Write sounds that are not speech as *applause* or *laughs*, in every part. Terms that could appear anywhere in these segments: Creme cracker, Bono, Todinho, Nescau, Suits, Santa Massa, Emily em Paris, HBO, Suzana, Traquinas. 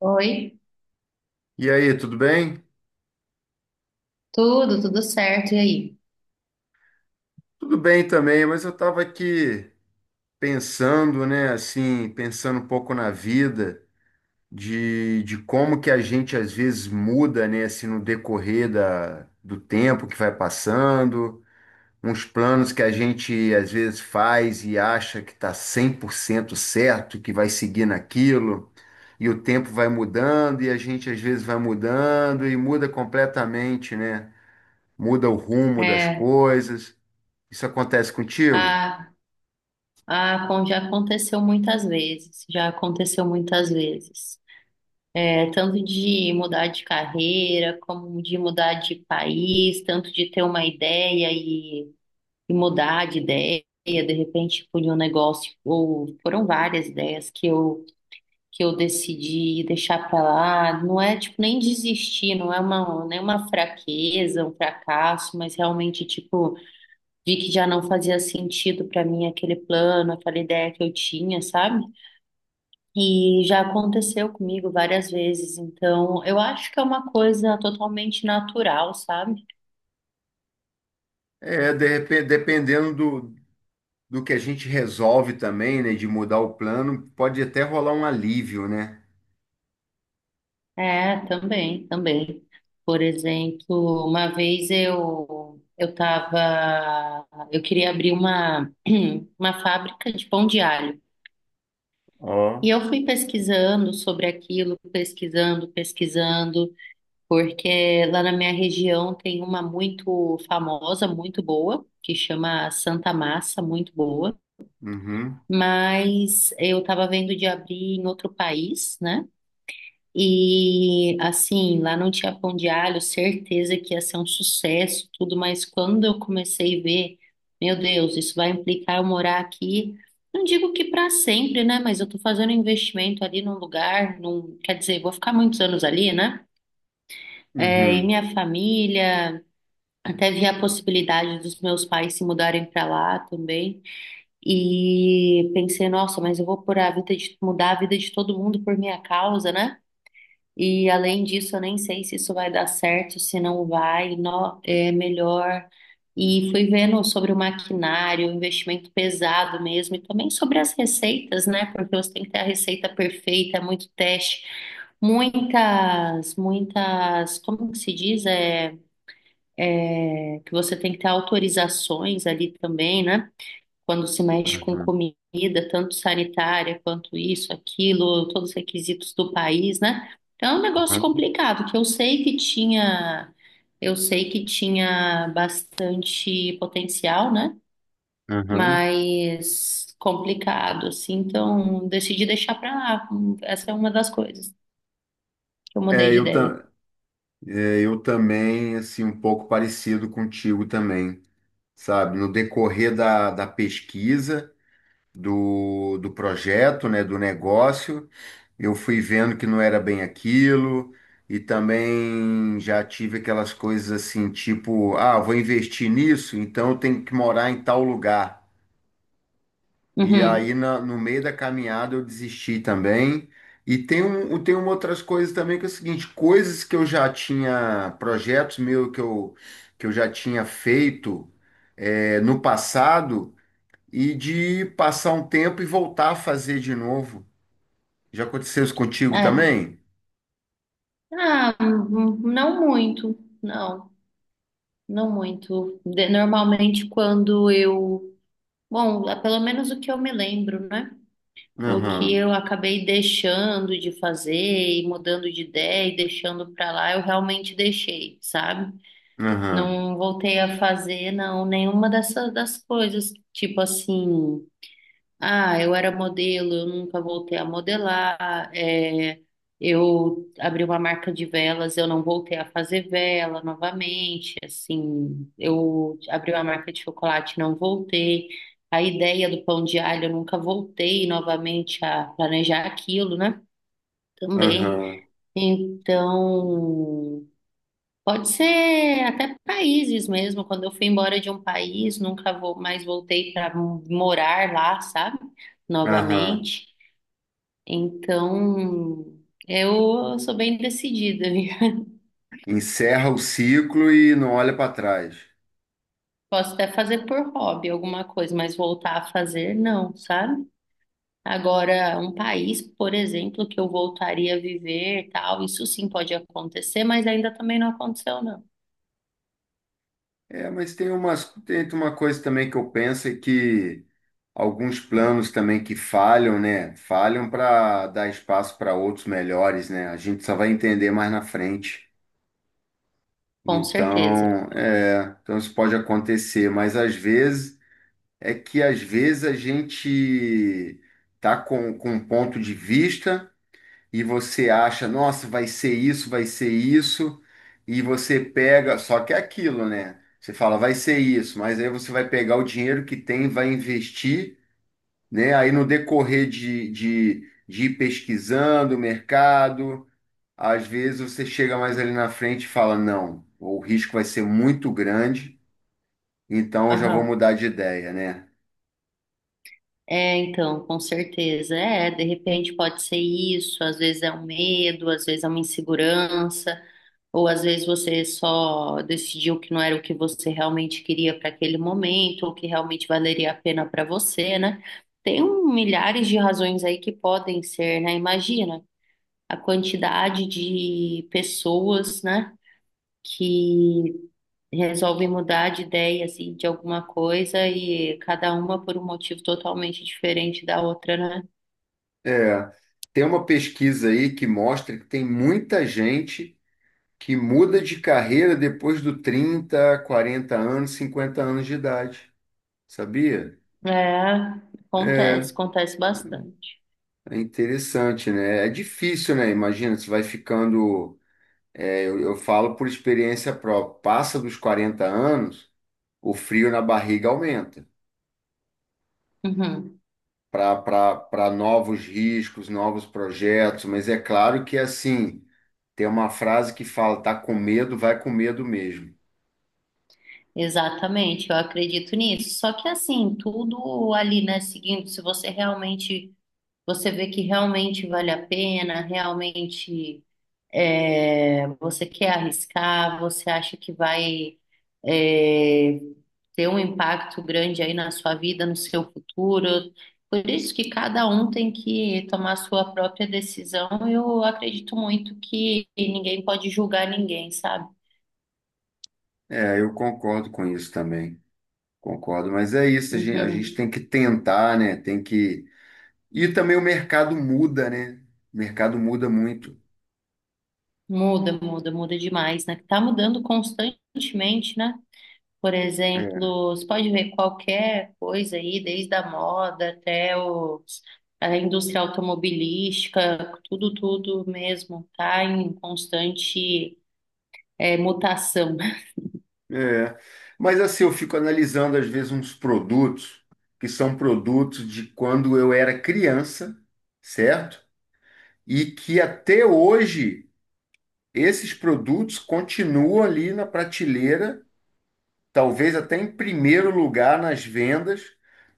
Oi, E aí, tudo bem? tudo, tudo certo. E aí? Tudo bem também, mas eu estava aqui pensando, né, assim, pensando um pouco na vida, de como que a gente às vezes muda, né, assim, no decorrer do tempo que vai passando, uns planos que a gente às vezes faz e acha que está 100% certo, que vai seguir naquilo, e o tempo vai mudando, e a gente às vezes vai mudando e muda completamente, né? Muda o rumo das É, coisas. Isso acontece contigo? a, a Pon já aconteceu muitas vezes, já aconteceu muitas vezes. É, tanto de mudar de carreira, como de mudar de país, tanto de ter uma ideia e mudar de ideia, de repente por um negócio, ou foram várias ideias que eu decidi deixar para lá. Não é tipo nem desistir, não é uma, nem uma fraqueza, um fracasso, mas realmente tipo, vi que já não fazia sentido para mim aquele plano, aquela ideia que eu tinha, sabe? E já aconteceu comigo várias vezes, então eu acho que é uma coisa totalmente natural, sabe? É, de repente, dependendo do que a gente resolve também, né, de mudar o plano, pode até rolar um alívio, né? É, também, também. Por exemplo, uma vez eu queria abrir uma *clears throat* uma fábrica de pão de alho. E Ó. eu fui pesquisando sobre aquilo, pesquisando, pesquisando, porque lá na minha região tem uma muito famosa, muito boa, que chama Santa Massa, muito boa, Uhum, mas eu estava vendo de abrir em outro país, né? E assim, lá não tinha pão de alho, certeza que ia ser um sucesso, tudo, mas quando eu comecei a ver, meu Deus, isso vai implicar eu morar aqui. Não digo que para sempre, né? Mas eu tô fazendo um investimento ali num lugar, quer dizer, vou ficar muitos anos ali, né? É, e uhum, minha família. Até vi a possibilidade dos meus pais se mudarem para lá também. E pensei, nossa, mas eu vou por a vida de, mudar a vida de todo mundo por minha causa, né? E além disso, eu nem sei se isso vai dar certo, se não vai, é melhor. E fui vendo sobre o maquinário, o investimento pesado mesmo, e também sobre as receitas, né? Porque você tem que ter a receita perfeita, é muito teste, muitas, muitas, como que se diz? É que você tem que ter autorizações ali também, né? Quando se mexe com uhum, comida, tanto sanitária quanto isso, aquilo, todos os requisitos do país, né? Então é um negócio uhum, complicado, que eu sei que tinha, eu sei que tinha bastante potencial, né? uhum. Mas complicado, assim, então decidi deixar pra lá. Essa é uma das coisas que eu mudei É, de eu, ideia. ta- é, eu também, assim, um pouco parecido contigo também, sabe? No decorrer da pesquisa, do projeto, né, do negócio. Eu fui vendo que não era bem aquilo, e também já tive aquelas coisas assim, tipo, ah, vou investir nisso, então eu tenho que morar em tal lugar. E aí Uhum. No meio da caminhada eu desisti também. E tem uma outras coisas também que é o seguinte, coisas que eu já tinha, projetos meus que eu já tinha feito no passado e de passar um tempo e voltar a fazer de novo. Já aconteceu isso contigo É. também? Ah, não muito, não. Não muito. Normalmente quando eu, bom, é pelo menos o que eu me lembro, né? O que Aham. eu acabei deixando de fazer e mudando de ideia e deixando para lá, eu realmente deixei, sabe? Aham, Não voltei a fazer, não, nenhuma dessas das coisas, tipo assim. Ah, eu era modelo, eu nunca voltei a modelar. É, eu abri uma marca de velas, eu não voltei a fazer vela novamente. Assim, eu abri uma marca de chocolate, não voltei. A ideia do pão de alho, eu nunca voltei novamente a planejar aquilo, né? Também. aham, Então, pode ser até países mesmo. Quando eu fui embora de um país, nunca vou mais voltei para morar lá, sabe? aham. Novamente. Então, eu sou bem decidida, viu? *laughs* Encerra o ciclo e não olha para trás. Posso até fazer por hobby alguma coisa, mas voltar a fazer, não, sabe? Agora, um país, por exemplo, que eu voltaria a viver, tal, isso sim pode acontecer, mas ainda também não aconteceu, não. É, mas tem umas, tem uma coisa também que eu penso é que alguns planos também que falham, né? Falham para dar espaço para outros melhores, né? A gente só vai entender mais na frente. Com certeza. Então, é, então isso pode acontecer, mas às vezes é que às vezes a gente tá com um ponto de vista e você acha, nossa, vai ser isso, e você pega, só que é aquilo, né? Você fala, vai ser isso, mas aí você vai pegar o dinheiro que tem, vai investir, né? Aí no decorrer de ir pesquisando o mercado, às vezes você chega mais ali na frente e fala, não, o risco vai ser muito grande, então eu já vou Aham. mudar de ideia, né? É, então, com certeza. É, de repente pode ser isso, às vezes é um medo, às vezes é uma insegurança, ou às vezes você só decidiu que não era o que você realmente queria para aquele momento, ou que realmente valeria a pena para você, né? Tem um, milhares de razões aí que podem ser, né? Imagina a quantidade de pessoas, né? Que resolvem mudar de ideia assim de alguma coisa e cada uma por um motivo totalmente diferente da outra, né? É, tem uma pesquisa aí que mostra que tem muita gente que muda de carreira depois do 30, 40 anos, 50 anos de idade, sabia? É, acontece, acontece bastante. É interessante, né? É difícil, né? Imagina, você vai ficando. Eu falo por experiência própria. Passa dos 40 anos, o frio na barriga aumenta Uhum. para novos riscos, novos projetos. Mas é claro que, assim, tem uma frase que fala: tá com medo, vai com medo mesmo. Exatamente, eu acredito nisso. Só que assim, tudo ali, né, seguindo, se você realmente, você vê que realmente vale a pena, realmente, é, você quer arriscar, você acha que vai, é, ter um impacto grande aí na sua vida, no seu futuro. Por isso que cada um tem que tomar a sua própria decisão. Eu acredito muito que ninguém pode julgar ninguém, sabe? É, eu concordo com isso também. Concordo, mas é isso, a gente, Uhum. tem que tentar, né? Tem que. E também o mercado muda, né? O mercado muda muito. Muda, muda, muda demais, né? Tá mudando constantemente, né? Por É. exemplo, você pode ver qualquer coisa aí, desde a moda até os, a indústria automobilística, tudo, tudo mesmo, tá em constante, é, mutação. *laughs* É. Mas assim, eu fico analisando às vezes uns produtos que são produtos de quando eu era criança, certo? E que até hoje esses produtos continuam ali na prateleira, talvez até em primeiro lugar nas vendas,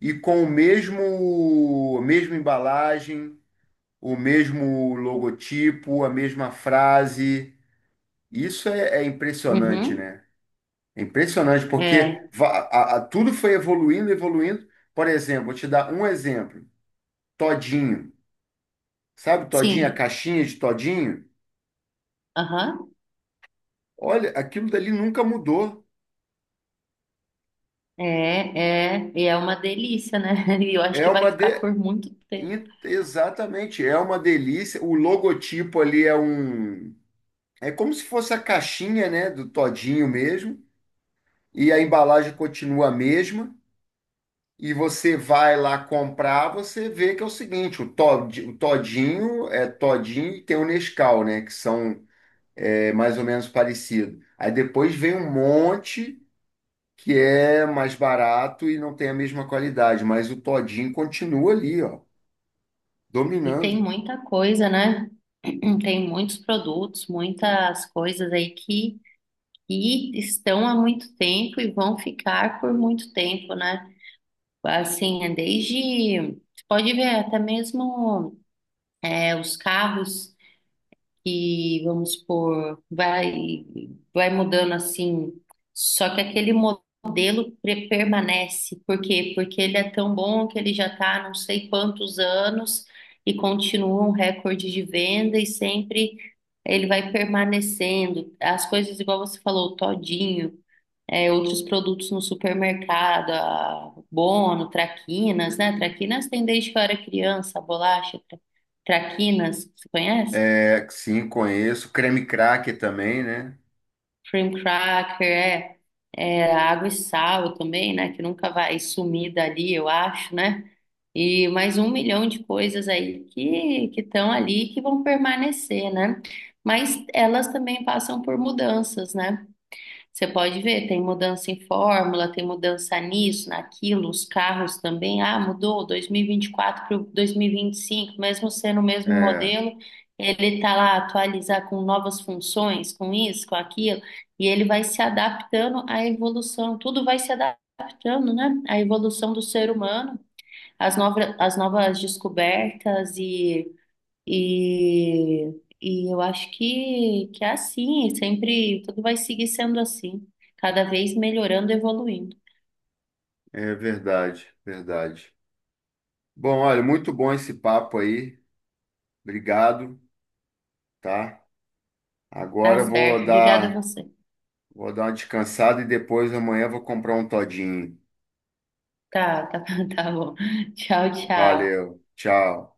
e com mesma embalagem o mesmo logotipo, a mesma frase. Isso é impressionante, Uhum, né? É impressionante é, porque tudo foi evoluindo, evoluindo. Por exemplo, vou te dar um exemplo. Todinho. Sabe Todinho, a sim, caixinha de Todinho? aham, Olha, aquilo dali nunca mudou. é, é, e é uma delícia, né? *laughs* E eu acho É que vai uma de... ficar por muito tempo. Exatamente, é uma delícia. O logotipo ali é um... É como se fosse a caixinha, né, do Todinho mesmo. E a embalagem continua a mesma. E você vai lá comprar, você vê que é o seguinte, o Todinho é Todinho e tem o Nescau, né, que são mais ou menos parecidos. Aí depois vem um monte que é mais barato e não tem a mesma qualidade, mas o Todinho continua ali, ó, E tem dominando. muita coisa, né? *clears throat* Tem muitos produtos, muitas coisas aí que estão há muito tempo e vão ficar por muito tempo, né? Assim, é desde, você pode ver até mesmo, é, os carros que, vamos por vai, vai mudando assim, só que aquele modelo permanece. Por quê? Porque ele é tão bom que ele já está não sei quantos anos e continua um recorde de venda e sempre. Ele vai permanecendo. As coisas, igual você falou, o todinho, é, outros produtos no supermercado, a Bono, Traquinas, né? Traquinas tem desde que eu era criança, bolacha, Traquinas, você conhece? É, sim, conheço. Creme cracker também, né? Cream cracker, é, é, água e sal também, né? Que nunca vai sumir dali, eu acho, né? E mais um milhão de coisas aí que estão ali e que vão permanecer, né? Mas elas também passam por mudanças, né? Você pode ver, tem mudança em fórmula, tem mudança nisso, naquilo, os carros também. Ah, mudou dois mil e vinte e quatro para dois mil e vinte e cinco, mesmo sendo o mesmo É, modelo, ele está lá atualizar com novas funções, com isso, com aquilo, e ele vai se adaptando à evolução. Tudo vai se adaptando, né? À evolução do ser humano, às novas descobertas e, e eu acho que é assim, é sempre tudo vai seguir sendo assim, cada vez melhorando, evoluindo. é verdade, verdade. Bom, olha, muito bom esse papo aí. Obrigado, tá? Tá Agora eu vou certo, obrigada a dar você. Vou dar uma descansada e depois amanhã vou comprar um todinho. Tá, tá, *laughs* tá bom. Tchau, tchau. Valeu, tchau.